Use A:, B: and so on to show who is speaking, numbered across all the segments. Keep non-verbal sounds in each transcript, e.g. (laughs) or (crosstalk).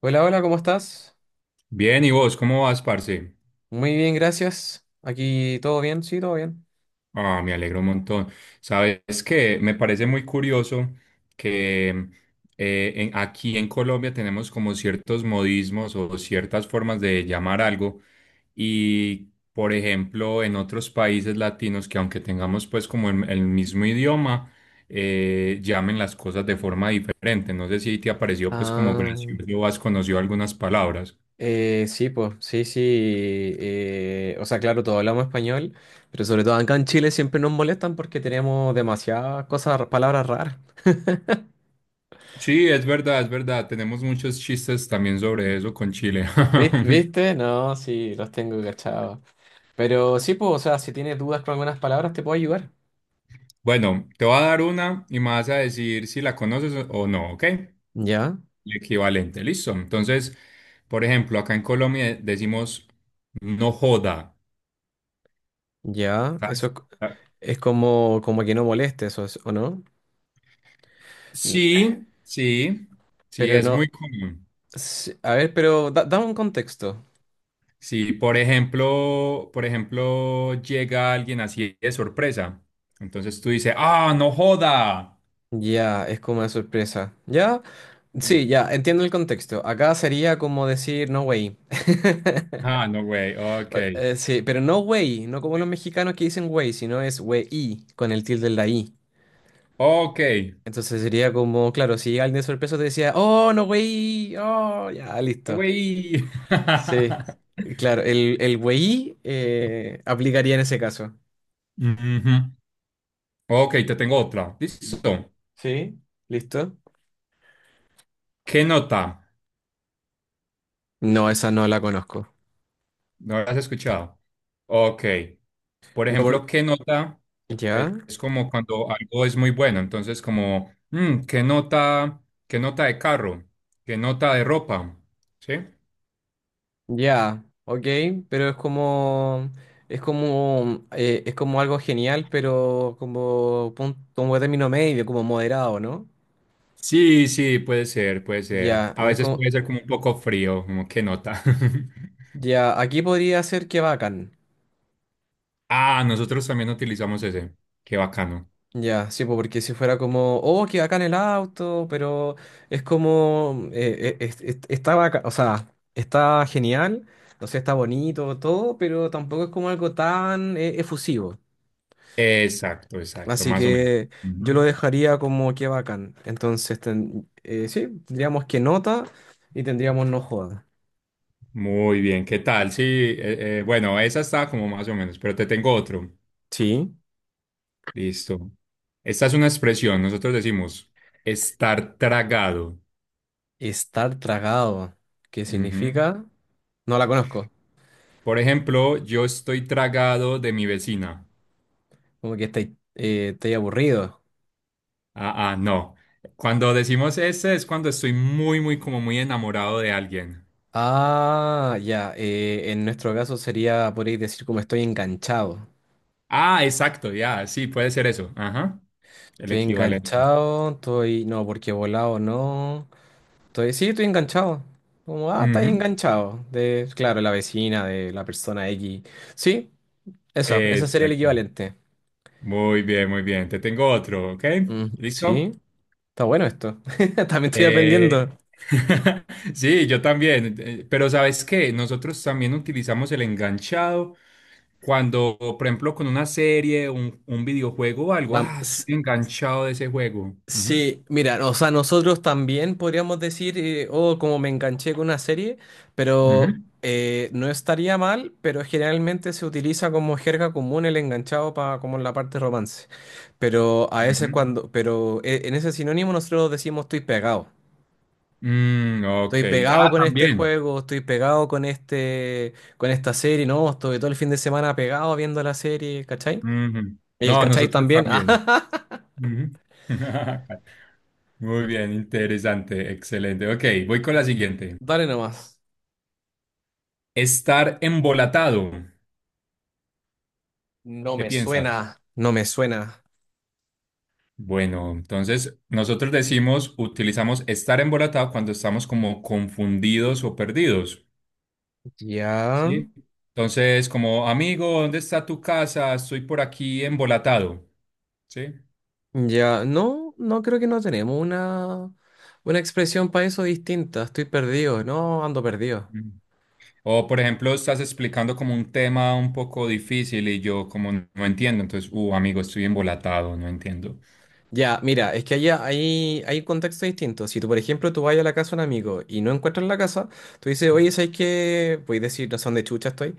A: Hola, hola, ¿cómo estás?
B: Bien, ¿y vos cómo vas, parce?
A: Muy bien, gracias. Aquí todo bien, sí, todo bien.
B: Ah, me alegro un montón. Sabes que me parece muy curioso que aquí en Colombia tenemos como ciertos modismos o ciertas formas de llamar algo y, por ejemplo, en otros países latinos que aunque tengamos pues como el mismo idioma, llamen las cosas de forma diferente. No sé si te ha parecido pues como
A: Ah,
B: gracioso o has conocido algunas palabras.
A: sí, pues, sí. O sea, claro, todos hablamos español, pero sobre todo acá en Chile siempre nos molestan porque tenemos demasiadas cosas, palabras raras.
B: Sí, es verdad, es verdad. Tenemos muchos chistes también sobre eso con Chile. (laughs)
A: ¿Viste? No, sí, los tengo cachados. Pero sí, pues, o sea, si tienes dudas con algunas palabras, te puedo ayudar.
B: Bueno, te voy a dar una y me vas a decir si la conoces o no, ¿ok? El
A: Ya,
B: equivalente, listo. Entonces, por ejemplo, acá en Colombia decimos no joda.
A: ya,
B: ¿Sabes? Ah,
A: es como, que no moleste, eso es, ¿o no? N-
B: sí, sí,
A: Pero
B: es
A: no.
B: muy común.
A: Sí, a ver, pero dame un contexto.
B: Sí, por ejemplo, llega alguien así de sorpresa. Entonces tú dices, ah, no joda.
A: Ya, es como una sorpresa. Ya,
B: Mm.
A: sí, ya, entiendo el contexto. Acá sería como decir no way. (laughs)
B: Ah, no, güey, ok.
A: Bueno, sí, pero no way, no como los mexicanos que dicen way, sino es wey con el tilde en la i.
B: Ok.
A: Entonces sería como, claro, si alguien de sorpresa te decía, oh, no way, oh, ya, listo.
B: Güey. (laughs)
A: Sí, claro, el wey aplicaría en ese caso.
B: Ujú. Ok, te tengo otra.
A: Y-
B: Listo.
A: Sí, listo.
B: ¿Qué nota?
A: No, esa no la conozco.
B: ¿No la has escuchado? Ok. Por
A: No, por-
B: ejemplo, ¿qué nota?
A: ¿Ya?
B: Es como cuando algo es muy bueno. Entonces, como, mm, ¿qué nota? ¿Qué nota de carro? ¿Qué nota de ropa? ¿Sí?
A: Ya, ok, pero es como algo genial, pero como, como término medio, como moderado, ¿no?
B: Sí, sí, puede ser, puede ser.
A: Ya,
B: A
A: no es
B: veces
A: como,
B: puede ser como un poco frío, como, ¿qué nota? (laughs)
A: ya, aquí podría ser que bacán,
B: Ah, nosotros también utilizamos ese. Qué bacano.
A: ya, sí, po, porque si fuera como, oh, que bacán el auto, pero es como, está bacán, o sea, está genial, no sé, está bonito, todo, pero tampoco es como algo tan efusivo.
B: Exacto, exacto,
A: Así
B: más o menos.
A: que yo lo
B: Ujú.
A: dejaría como que bacán. Entonces, sí, tendríamos que nota y tendríamos no joda.
B: Muy bien, ¿qué tal? Sí, bueno, esa está como más o menos, pero te tengo otro.
A: Sí,
B: Listo. Esta es una expresión, nosotros decimos estar tragado.
A: estar tragado, ¿qué
B: Ujú.
A: significa? No la conozco.
B: Por ejemplo, yo estoy tragado de mi vecina.
A: Como que estáis estáis aburrido.
B: Ah, ah, no. Cuando decimos ese es cuando estoy muy, muy, como muy enamorado de alguien.
A: Ah, ya, en nuestro caso sería, podríais decir como estoy enganchado.
B: Ah, exacto, ya, sí, puede ser eso. Ajá. El
A: Estoy
B: equivalente.
A: enganchado, estoy, no, porque volado no. Estoy, sí, estoy enganchado. Como, ah, estáis
B: Ujú.
A: enganchado. De, claro, la vecina, de la persona X. Sí, eso sería el
B: Exacto.
A: equivalente.
B: Muy bien, muy bien. Te tengo otro, ¿ok?
A: Mm,
B: ¿Listo?
A: sí, está bueno esto. (laughs) También estoy
B: Eh,
A: aprendiendo.
B: (laughs) Sí, yo también. Pero ¿sabes qué? Nosotros también utilizamos el enganchado cuando, por ejemplo, con una serie, un videojuego o algo,
A: Pam,
B: ah,
A: s-
B: estoy enganchado de ese juego. Ujú,
A: Sí, mira, o sea, nosotros también podríamos decir, oh, como me enganché con una serie, pero
B: ujú,
A: no estaría mal, pero generalmente se utiliza como jerga común el enganchado para como en la parte romance. Pero a veces
B: ujú.
A: cuando, pero en ese sinónimo nosotros decimos estoy pegado.
B: Mm, ok.
A: Estoy pegado
B: Ah,
A: con este
B: también.
A: juego, estoy pegado con este, con esta serie, no, estoy todo el fin de semana pegado viendo la serie, ¿cachai?
B: Ujú.
A: Y el
B: No,
A: cachai
B: nosotros
A: también. (laughs)
B: también.
A: Ah,
B: Ujú. (laughs) Muy bien, interesante, excelente. Ok, voy con la siguiente.
A: dale nomás.
B: Estar embolatado.
A: No
B: ¿Qué
A: me
B: piensas?
A: suena, no me suena.
B: Bueno, entonces nosotros decimos, utilizamos estar embolatado cuando estamos como confundidos o perdidos.
A: Ya,
B: Sí. Entonces, como amigo, ¿dónde está tu casa? Estoy por aquí embolatado. Sí.
A: ya, no, no creo, que no tenemos una expresión para eso distinta. Estoy perdido, no, ando perdido.
B: Mm. O, por ejemplo, estás explicando como un tema un poco difícil y yo como no entiendo. Entonces, amigo, estoy embolatado, no entiendo.
A: Ya, mira, es que hay, hay contextos distintos. Si tú, por ejemplo, tú vas a la casa de un amigo y no encuentras la casa, tú dices, oye, ¿sabes qué? Puedes decir, no sé dónde chucha estoy.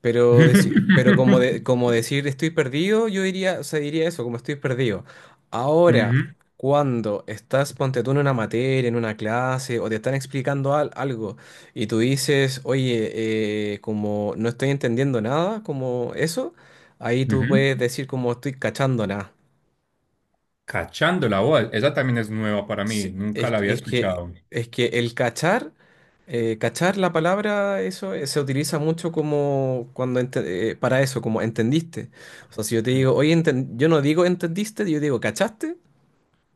A: Pero, pero como,
B: (laughs)
A: como decir estoy perdido, yo diría, o sea, diría eso, como estoy perdido. Ahora,
B: Ujú,
A: cuando estás, ponte tú en una materia, en una clase, o te están explicando algo, y tú dices, oye, como no estoy entendiendo nada, como eso, ahí tú
B: ujú.
A: puedes decir como estoy cachando nada.
B: Cachando la voz, esa también es nueva para mí,
A: Sí,
B: nunca la había escuchado.
A: es que el cachar, cachar la palabra, eso se utiliza mucho como cuando para eso, como entendiste. O sea, si yo te
B: Mm.
A: digo, oye, yo no digo entendiste, yo digo cachaste,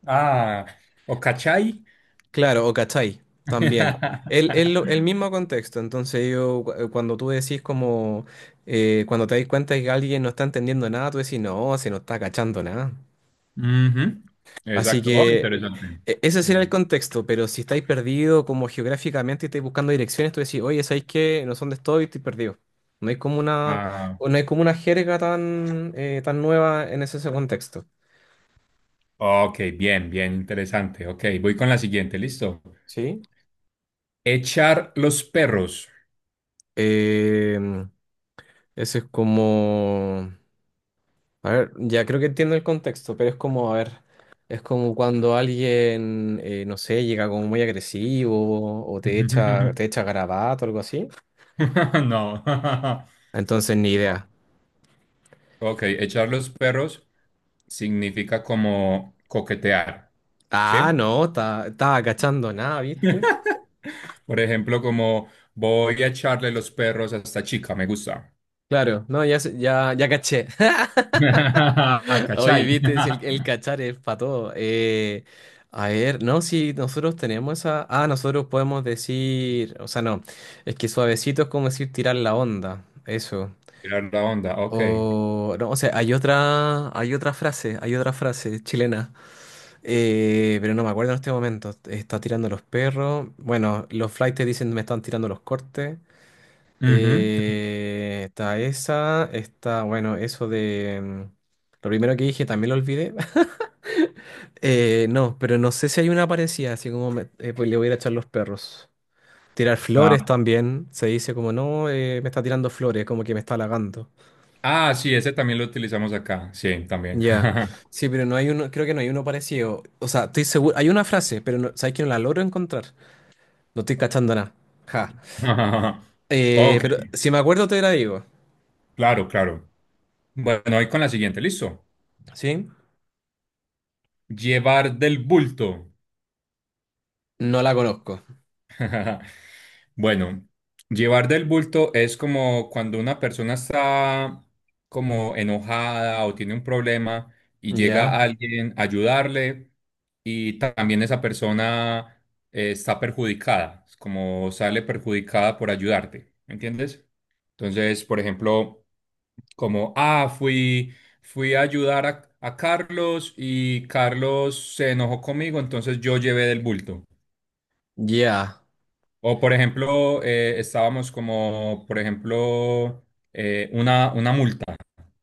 B: Ah, o cachai.
A: claro, o cachai, también. El
B: (laughs)
A: mismo contexto, entonces cuando tú decís como, cuando te das cuenta que alguien no está entendiendo nada, tú decís, no, si no está cachando nada.
B: Ujú,
A: Así
B: exacto, oh,
A: que
B: interesante.
A: ese
B: Me
A: sería el
B: gusta.
A: contexto, pero si estáis perdido como geográficamente y estáis buscando direcciones, tú decís, oye, ¿sabéis qué? No sé dónde estoy, estoy perdido. No hay como una,
B: Ah,
A: o no hay como una jerga tan, tan nueva en ese, ese contexto,
B: ok, bien, bien, interesante. Ok, voy con la siguiente, listo.
A: ¿sí?
B: Echar los perros.
A: Eh, Ese es como, a ver, ya creo que entiendo el contexto, pero es como, a ver, es como cuando alguien, no sé, llega como muy agresivo o te
B: (laughs)
A: echa garabato o algo así.
B: No. (laughs)
A: Entonces, ni
B: No.
A: idea.
B: Ok, echar los perros significa como coquetear,
A: Ah,
B: ¿sí?
A: no, estaba cachando nada, ¿viste?
B: (laughs) Por ejemplo, como voy a echarle los perros a esta chica, me gusta.
A: Claro, no, ya, ya, ya caché.
B: (laughs)
A: (laughs) Oye,
B: ¿Cachai?
A: ¿viste? Si el
B: (laughs)
A: cachar es para todo. A ver, no, si nosotros tenemos esa... Ah, nosotros podemos decir... O sea, no, es que suavecito es como decir tirar la onda, eso.
B: Tirar la onda, ok.
A: O, no, o sea, hay otra frase chilena, pero no me acuerdo en este momento. Está tirando los perros. Bueno, los flightes dicen me están tirando los cortes.
B: Ujú.
A: Está esa, está, bueno, eso de... mm, lo primero que dije también lo olvidé. (laughs) No, pero no sé si hay una parecida, así como pues le voy a ir a echar los perros. Tirar flores
B: Ah,
A: también, se dice como no, me está tirando flores, como que me está halagando.
B: ah, sí, ese también lo utilizamos acá. Sí, también.
A: Ya, sí, pero no hay uno, creo que no hay uno parecido. O sea, estoy seguro, hay una frase, pero no, sabes que no la logro encontrar. No estoy cachando nada. Ja.
B: (laughs) Ok,
A: Pero si me acuerdo te la digo,
B: claro, claro. Bueno, voy con la siguiente, ¿listo?
A: ¿sí?
B: Llevar del bulto.
A: No la conozco.
B: (laughs) Bueno, llevar del bulto es como cuando una persona está como enojada o tiene un problema y llega
A: Ya,
B: alguien a ayudarle y también esa persona está perjudicada, es como sale perjudicada por ayudarte, ¿me ¿entiendes? Entonces, por ejemplo, como, ah, fui a ayudar a Carlos y Carlos se enojó conmigo, entonces yo llevé del bulto.
A: ya.
B: O por ejemplo, estábamos como, por ejemplo, una multa,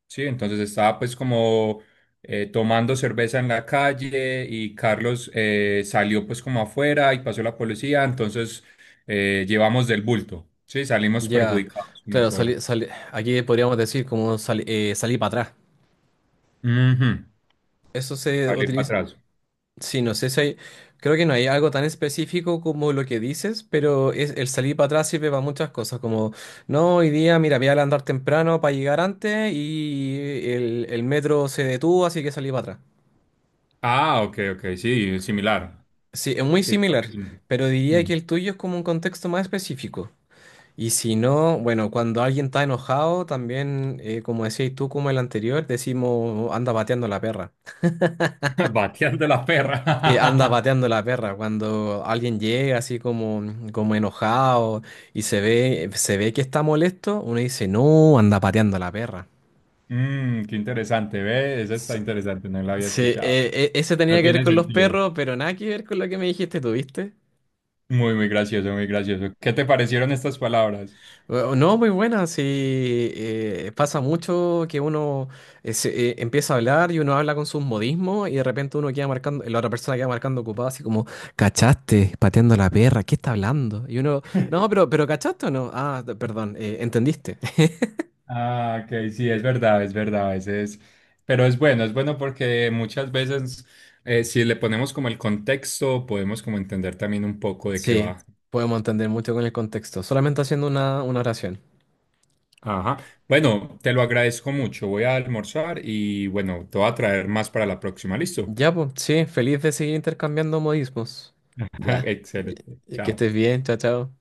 B: ¿sí? Entonces estaba pues como tomando cerveza en la calle y Carlos salió pues como afuera y pasó la policía, entonces llevamos del bulto, ¿sí? Salimos
A: Ya,
B: perjudicados como
A: claro,
B: por
A: aquí podríamos decir como salir para atrás.
B: Ujú,
A: Eso se
B: salir para
A: utiliza,
B: atrás.
A: sí, no sé si hay, creo que no hay algo tan específico como lo que dices, pero es, el salir para atrás sirve para muchas cosas, como, no, hoy día, mira, voy a andar temprano para llegar antes y el metro se detuvo, así que salí para atrás.
B: Ah, ok, ok, sí, similar.
A: Sí, es muy
B: Sí, creo que
A: similar,
B: sí.
A: pero diría que
B: Ujú.
A: el tuyo es como un contexto más específico. Y si no, bueno, cuando alguien está enojado, también, como decías tú, como el anterior, decimos, anda pateando la perra.
B: (laughs) Bateando la
A: Sí, anda
B: perra. (laughs)
A: pateando la perra. Cuando alguien llega así como, mm, como enojado y se ve que está molesto, uno dice, no, anda pateando la perra.
B: Mm, qué interesante, ¿ve? Eso está
A: S-
B: interesante, no lo había
A: Sí,
B: escuchado.
A: eso
B: No
A: tenía que ver
B: tiene
A: con los
B: sentido.
A: perros, pero nada que ver con lo que me dijiste, ¿tuviste?
B: Muy, muy gracioso, muy gracioso. ¿Qué te parecieron estas palabras?
A: No, muy buena, sí, pasa mucho que uno empieza a hablar y uno habla con sus modismos y de repente uno queda marcando, la otra persona queda marcando ocupada así como, ¿cachaste? Pateando la perra, ¿qué está hablando? Y uno, no, pero ¿cachaste o no? Ah, perdón, ¿entendiste? (laughs)
B: Ah, ok, sí, es verdad, a veces, pero es bueno porque muchas veces si le ponemos como el contexto, podemos como entender también un poco de qué
A: Sí,
B: va.
A: podemos entender mucho con el contexto, solamente haciendo una oración.
B: Ajá. Bueno, te lo agradezco mucho, voy a almorzar y bueno, te voy a traer más para la próxima, ¿listo?
A: Ya, pues, sí, feliz de seguir intercambiando modismos.
B: (laughs)
A: Ya, ya,
B: Excelente,
A: que
B: chao.
A: estés bien, chao, chao.